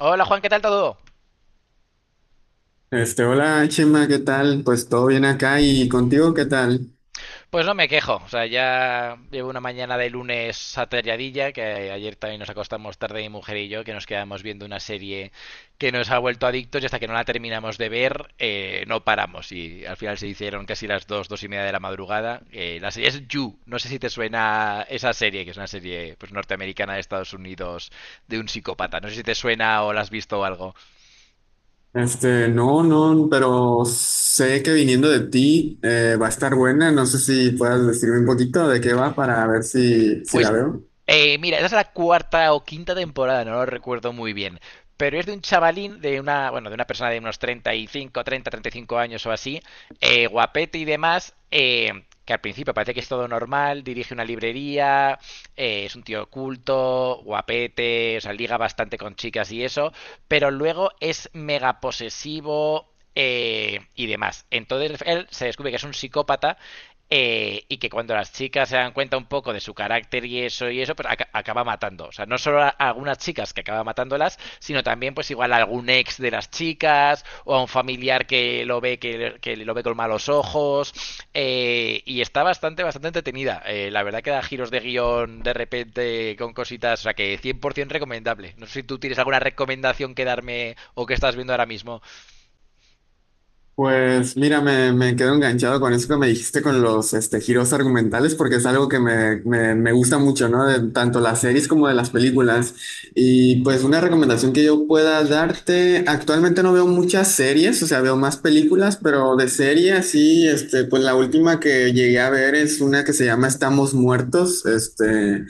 Hola Juan, ¿qué tal todo? Hola Chema, ¿qué tal? Pues todo bien acá y contigo, ¿qué tal? Pues no me quejo, o sea, ya llevo una mañana de lunes atareadilla, que ayer también nos acostamos tarde mi mujer y yo, que nos quedamos viendo una serie que nos ha vuelto adictos y hasta que no la terminamos de ver no paramos y al final se hicieron casi las dos, 2:30 de la madrugada. La serie es You, no sé si te suena esa serie, que es una serie pues norteamericana de Estados Unidos de un psicópata, no sé si te suena o la has visto o algo. No, no, pero sé que viniendo de ti va a estar buena. No sé si puedas decirme un poquito de qué va para ver si la Pues, veo. Mira, esa es la cuarta o quinta temporada, no lo recuerdo muy bien. Pero es de un chavalín, de una, bueno, de una persona de unos treinta y cinco años o así, guapete y demás, que al principio parece que es todo normal, dirige una librería, es un tío culto, guapete, o sea, liga bastante con chicas y eso, pero luego es mega posesivo y demás. Entonces él se descubre que es un psicópata y que cuando las chicas se dan cuenta un poco de su carácter y eso, pues acaba matando. O sea, no solo a algunas chicas que acaba matándolas, sino también pues igual a algún ex de las chicas o a un familiar que lo ve que lo ve con malos ojos. Y está bastante, bastante entretenida. La verdad que da giros de guión de repente con cositas, o sea que 100% recomendable. No sé si tú tienes alguna recomendación que darme o que estás viendo ahora mismo. Pues mira, me quedo enganchado con eso que me dijiste con los giros argumentales, porque es algo que me gusta mucho, ¿no? De tanto las series como de las películas. Y pues una recomendación que yo pueda darte, actualmente no veo muchas series, o sea, veo más películas, pero de series sí, este, pues la última que llegué a ver es una que se llama Estamos Muertos,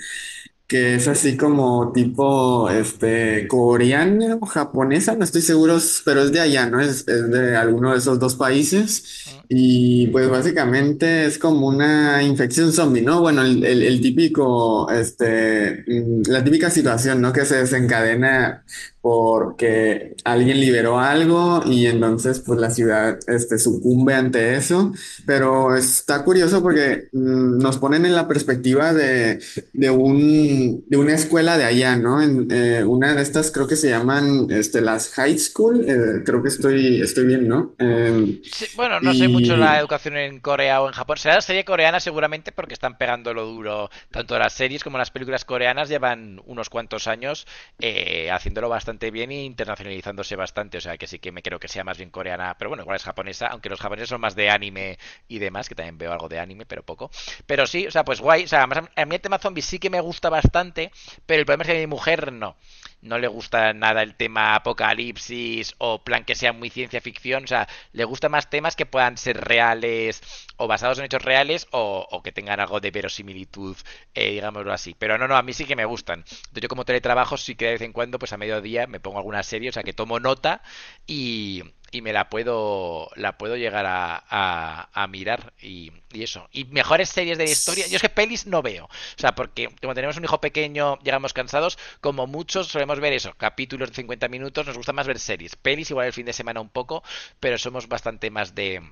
que es así como tipo este coreana o japonesa, no estoy seguro, pero es de allá, ¿no? Es de alguno de esos dos países. Mm. Y pues básicamente es como una infección zombie, ¿no? Bueno, el típico, este, mm, la típica situación, ¿no? Que se desencadena porque alguien liberó algo y entonces pues la ciudad, este, sucumbe ante eso. Pero está curioso porque mm, nos ponen en la perspectiva de un, de una escuela de allá, ¿no? En, una de estas creo que se llaman este, las high school, creo que estoy bien, ¿no? Sí, bueno, no sé mucho la y educación en Corea o en Japón. Será la serie coreana seguramente porque están pegando lo duro. Tanto las series como las películas coreanas llevan unos cuantos años haciéndolo bastante bien e internacionalizándose bastante. O sea que sí que me creo que sea más bien coreana, pero bueno, igual es japonesa, aunque los japoneses son más de anime y demás, que también veo algo de anime, pero poco. Pero sí, o sea, pues guay. O sea, además a mí el tema zombie sí que me gusta bastante, pero el problema es que a mi mujer no le gusta nada el tema apocalipsis o plan que sea muy ciencia ficción. O sea, le gustan más temas que puedan ser reales o basados en hechos reales o que tengan algo de verosimilitud, digámoslo así. Pero no, no, a mí sí que me gustan. Entonces, yo como teletrabajo sí que de vez en cuando, pues a mediodía me pongo alguna serie, o sea, que tomo nota y, y me la puedo llegar a, a mirar y, eso. Y mejores series de la historia. Yo es que pelis no veo. O sea, porque como tenemos un hijo pequeño, llegamos cansados, como muchos solemos ver eso, capítulos de 50 minutos, nos gusta más ver series. Pelis igual el fin de semana un poco, pero somos bastante más de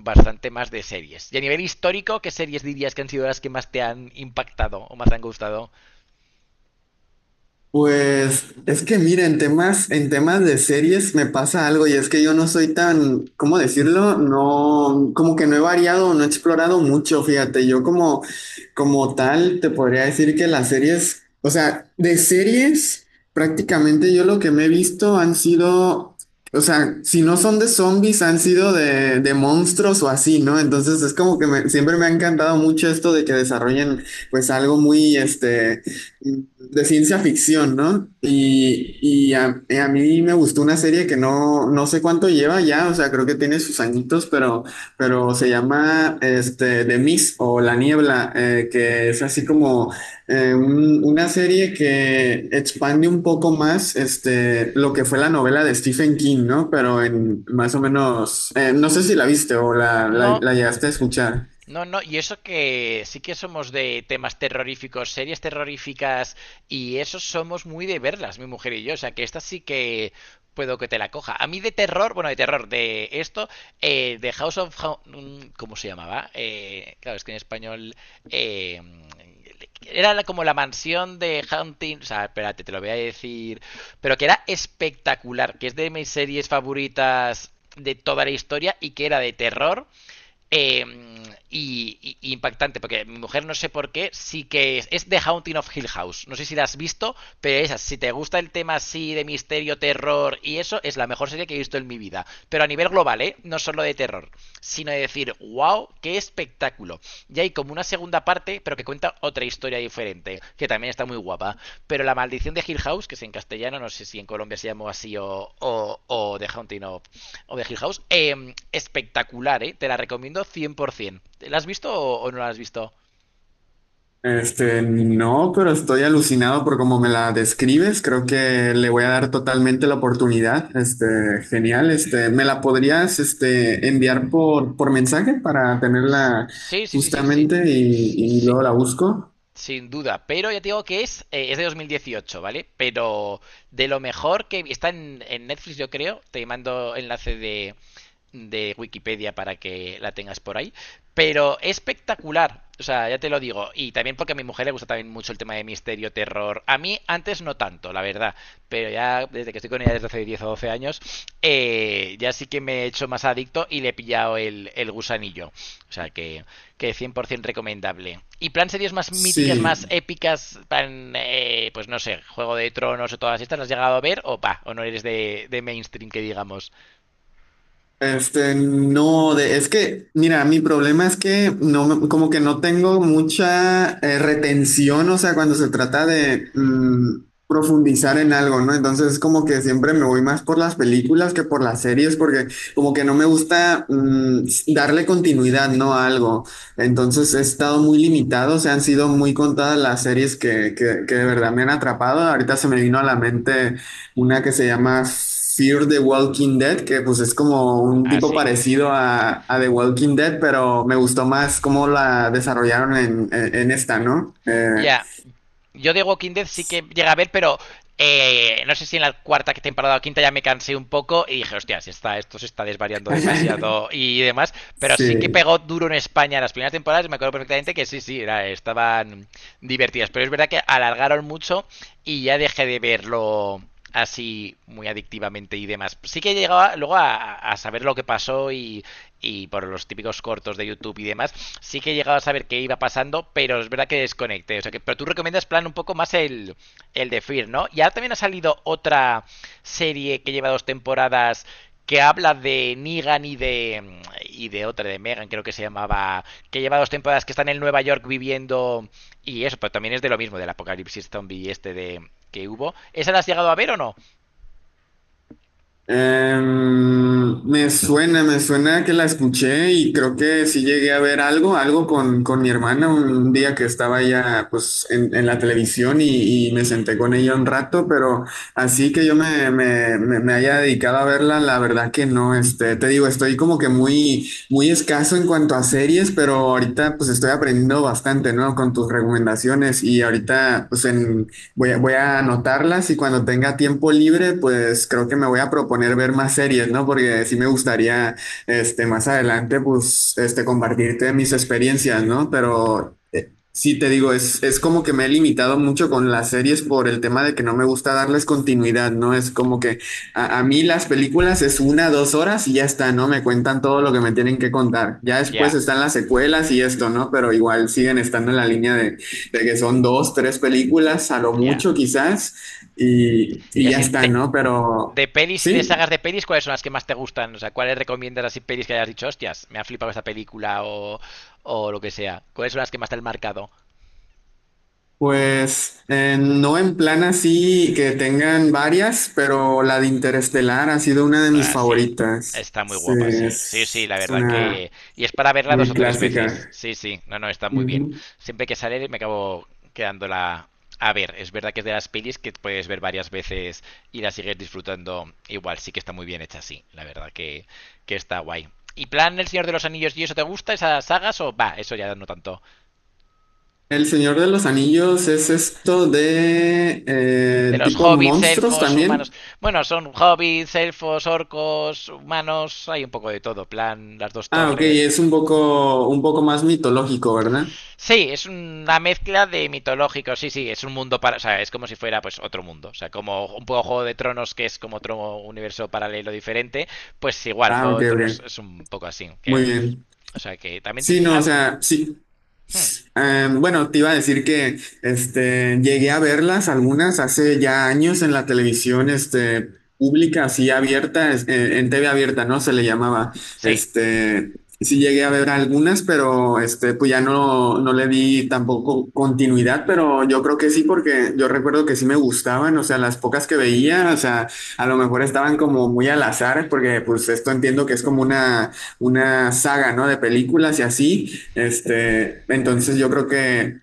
series. Y a nivel histórico, ¿qué series dirías que han sido las que más te han impactado o más te han gustado? Pues es que mira, en temas de series me pasa algo y es que yo no soy tan, ¿cómo decirlo? No, como que no he variado, no he explorado mucho, fíjate, yo como, como tal te podría decir que las series, o sea, de series prácticamente yo lo que me he visto han sido, o sea, si no son de zombies, han sido de monstruos o así, ¿no? Entonces es como que siempre me ha encantado mucho esto de que desarrollen pues algo muy, de ciencia ficción, ¿no? Y, a mí me gustó una serie que no, no sé cuánto lleva ya, o sea, creo que tiene sus añitos, pero se llama este, The Mist o La Niebla, que es así como una serie que expande un poco más este, lo que fue la novela de Stephen King, ¿no? Pero en más o menos, no sé si la viste o No, la llegaste a escuchar. no, no, y eso que sí que somos de temas terroríficos, series terroríficas, y eso somos muy de verlas, mi mujer y yo. O sea, que esta sí que puedo que te la coja. A mí de terror, bueno, de terror, de esto, de House of. ¿Cómo se llamaba? Claro, es que en español... eh, era como la mansión de Hunting. O sea, espérate, te lo voy a decir. Pero que era espectacular, que es de mis series favoritas de toda la historia y que era de terror eh, y impactante, porque mi mujer no sé por qué, sí que es The Haunting of Hill House. No sé si la has visto, pero esa, si te gusta el tema así de misterio, terror y eso, es la mejor serie que he visto en mi vida. Pero a nivel global, ¿eh? No solo de terror, sino de decir, wow, qué espectáculo. Y hay como una segunda parte, pero que cuenta otra historia diferente, que también está muy guapa. Pero La Maldición de Hill House, que es en castellano, no sé si en Colombia se llamó así o The Haunting of o de Hill House, espectacular, ¿eh? Te la recomiendo 100%. ¿La has visto o, no la has visto? No, pero estoy alucinado por cómo me la describes. Creo que le voy a dar totalmente la oportunidad. Este, genial. Este, ¿me la podrías, este, enviar por mensaje para tenerla Sí, sí, sí, sí, sí. justamente y Sí, luego la busco? sin duda, pero ya te digo que es de 2018, ¿vale? Pero de lo mejor que está en Netflix, yo creo. Te mando enlace de Wikipedia para que la tengas por ahí. Pero espectacular, o sea, ya te lo digo. Y también porque a mi mujer le gusta también mucho el tema de misterio, terror. A mí antes no tanto, la verdad. Pero ya desde que estoy con ella desde hace 10 o 12 años, ya sí que me he hecho más adicto y le he pillado el gusanillo. O sea que 100% recomendable. Y plan series más míticas, más Sí. épicas, plan, pues no sé, Juego de Tronos o todas estas, ¿las has llegado a ver? O pa, o no eres de mainstream que digamos. No, es que, mira, mi problema es que no, como que no tengo mucha retención, o sea, cuando se trata de mm, profundizar en algo, ¿no? Entonces, como que siempre me voy más por las películas que por las series, porque como que no me gusta mm, darle continuidad, ¿no? A algo. Entonces, he estado muy limitado, o sea, han sido muy contadas las series que de verdad me han atrapado. Ahorita se me vino a la mente una que se llama Fear the Walking Dead, que pues es como un tipo Así. parecido a The Walking Dead, pero me gustó más cómo la desarrollaron en, en esta, ¿no? Ya. Yo de Walking Dead sí que llega a ver, pero no sé si en la cuarta temporada o quinta ya me cansé un poco y dije, hostia, si está, esto se está desvariando demasiado y demás. Pero sí que sí. pegó duro en España en las primeras temporadas. Y me acuerdo perfectamente que sí, sí, era- estaban divertidas. Pero es verdad que alargaron mucho y ya dejé de verlo así muy adictivamente y demás. Sí que llegaba luego a saber lo que pasó y por los típicos cortos de YouTube y demás, sí que he llegado a saber qué iba pasando, pero es verdad que desconecté. O sea que, pero tú recomiendas plan un poco más el de Fear, ¿no? Y ahora también ha salido otra serie que lleva dos temporadas que habla de Negan y de otra de Megan, creo que se llamaba, que lleva dos temporadas que están en Nueva York viviendo y eso, pero también es de lo mismo del apocalipsis zombie este de que hubo. ¿Esa la has llegado a ver o no? Me suena que la escuché y creo que sí llegué a ver algo, algo con mi hermana un día que estaba ya pues en la televisión y me senté con ella un rato, pero así que yo me haya dedicado a verla, la verdad que no, este, te digo, estoy como que muy, muy escaso en cuanto a series, pero ahorita pues estoy aprendiendo bastante, ¿no? Con tus recomendaciones y ahorita pues en... voy a anotarlas y cuando tenga tiempo libre, pues creo que me voy a proponer ver más series, ¿no? Porque sí me gustaría, este, más adelante, pues, este, compartirte mis experiencias, ¿no? Pero sí, te digo, es como que me he limitado mucho con las series por el tema de que no me gusta darles continuidad, ¿no? Es como que a mí las películas es una, dos horas y ya está, ¿no? Me cuentan todo lo que me tienen que contar. Ya después Ya, están las secuelas y esto, ¿no? Pero igual siguen estando en la línea de que son dos, tres películas, a lo ya. mucho quizás, Y y ya así está, ¿no? Pero de pelis y de sí. sagas de pelis, ¿cuáles son las que más te gustan? O sea, ¿cuáles recomiendas así pelis que hayas dicho, hostias, me ha flipado esta película o lo que sea? ¿Cuáles son las que más te han marcado? Pues no en plan así que tengan varias, pero la de Interestelar ha sido una de mis Ah, sí. favoritas. Está muy Sí, guapa, sí. Sí, sí, Es, la es verdad una que... Y es para verla dos muy o tres veces. clásica. Sí, sí. No, no, está muy bien. Ujú. Siempre que sale me acabo quedándola a ver. Es verdad que es de las pelis que puedes ver varias veces y la sigues disfrutando igual. Sí que está muy bien hecha, sí. La verdad que está guay. ¿Y plan El Señor de los Anillos y eso te gusta, esas sagas? O va, eso ya no tanto. El Señor de los Anillos es esto de De los tipo hobbits, monstruos elfos, humanos. también. Bueno, son hobbits, elfos, orcos, humanos, hay un poco de todo. Plan, las dos Ah, ok, torres. es un poco más mitológico, ¿verdad? Sí, es una mezcla de mitológico, sí, sí, es un mundo para, o sea, es como si fuera pues otro mundo, o sea, como un poco Juego de Tronos que es como otro universo paralelo diferente, pues igual Ah, Juego ok, de Tronos ok. es un poco así, Muy que pues, bien. o sea, que también Sí, no, o sea, sí. hmm, Bueno, te iba a decir que este, llegué a verlas algunas hace ya años en la televisión este, pública, así abierta, en TV abierta, ¿no? Se le llamaba. sí, Este, sí llegué a ver algunas, pero este, pues ya no, no le di tampoco continuidad, pero yo creo que sí, porque yo recuerdo que sí me gustaban, o sea, las pocas que veía, o sea, a lo mejor estaban como muy al azar, porque pues esto entiendo que es como una saga, ¿no? De películas y así. Este, entonces yo creo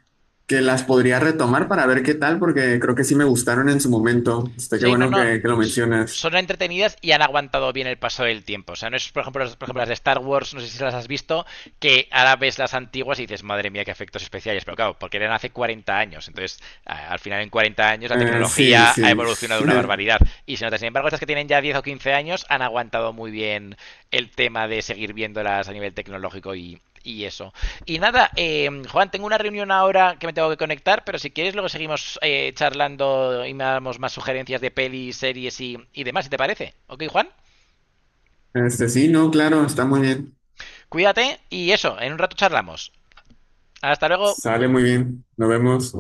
que las podría retomar para ver qué tal, porque creo que sí me gustaron en su momento. Este, qué sí, no, bueno no. Que lo s- mencionas. Son entretenidas y han aguantado bien el paso del tiempo. O sea, no es, por ejemplo, las de Star Wars, no sé si las has visto, que ahora ves las antiguas y dices, madre mía, qué efectos especiales. Pero claro, porque eran hace 40 años. Entonces, al final, en 40 años, la Sí, tecnología ha sí. evolucionado una barbaridad. Y se nota, sin embargo, estas que tienen ya 10 o 15 años han aguantado muy bien el tema de seguir viéndolas a nivel tecnológico y eso. Y nada, Juan, tengo una reunión ahora que me tengo que conectar, pero si quieres luego seguimos charlando y me damos más sugerencias de pelis, series y demás, si te parece. ¿Ok, Juan? Este, sí, no, claro, está muy bien. Cuídate y eso, en un rato charlamos. Hasta luego. Sale muy bien. Nos vemos.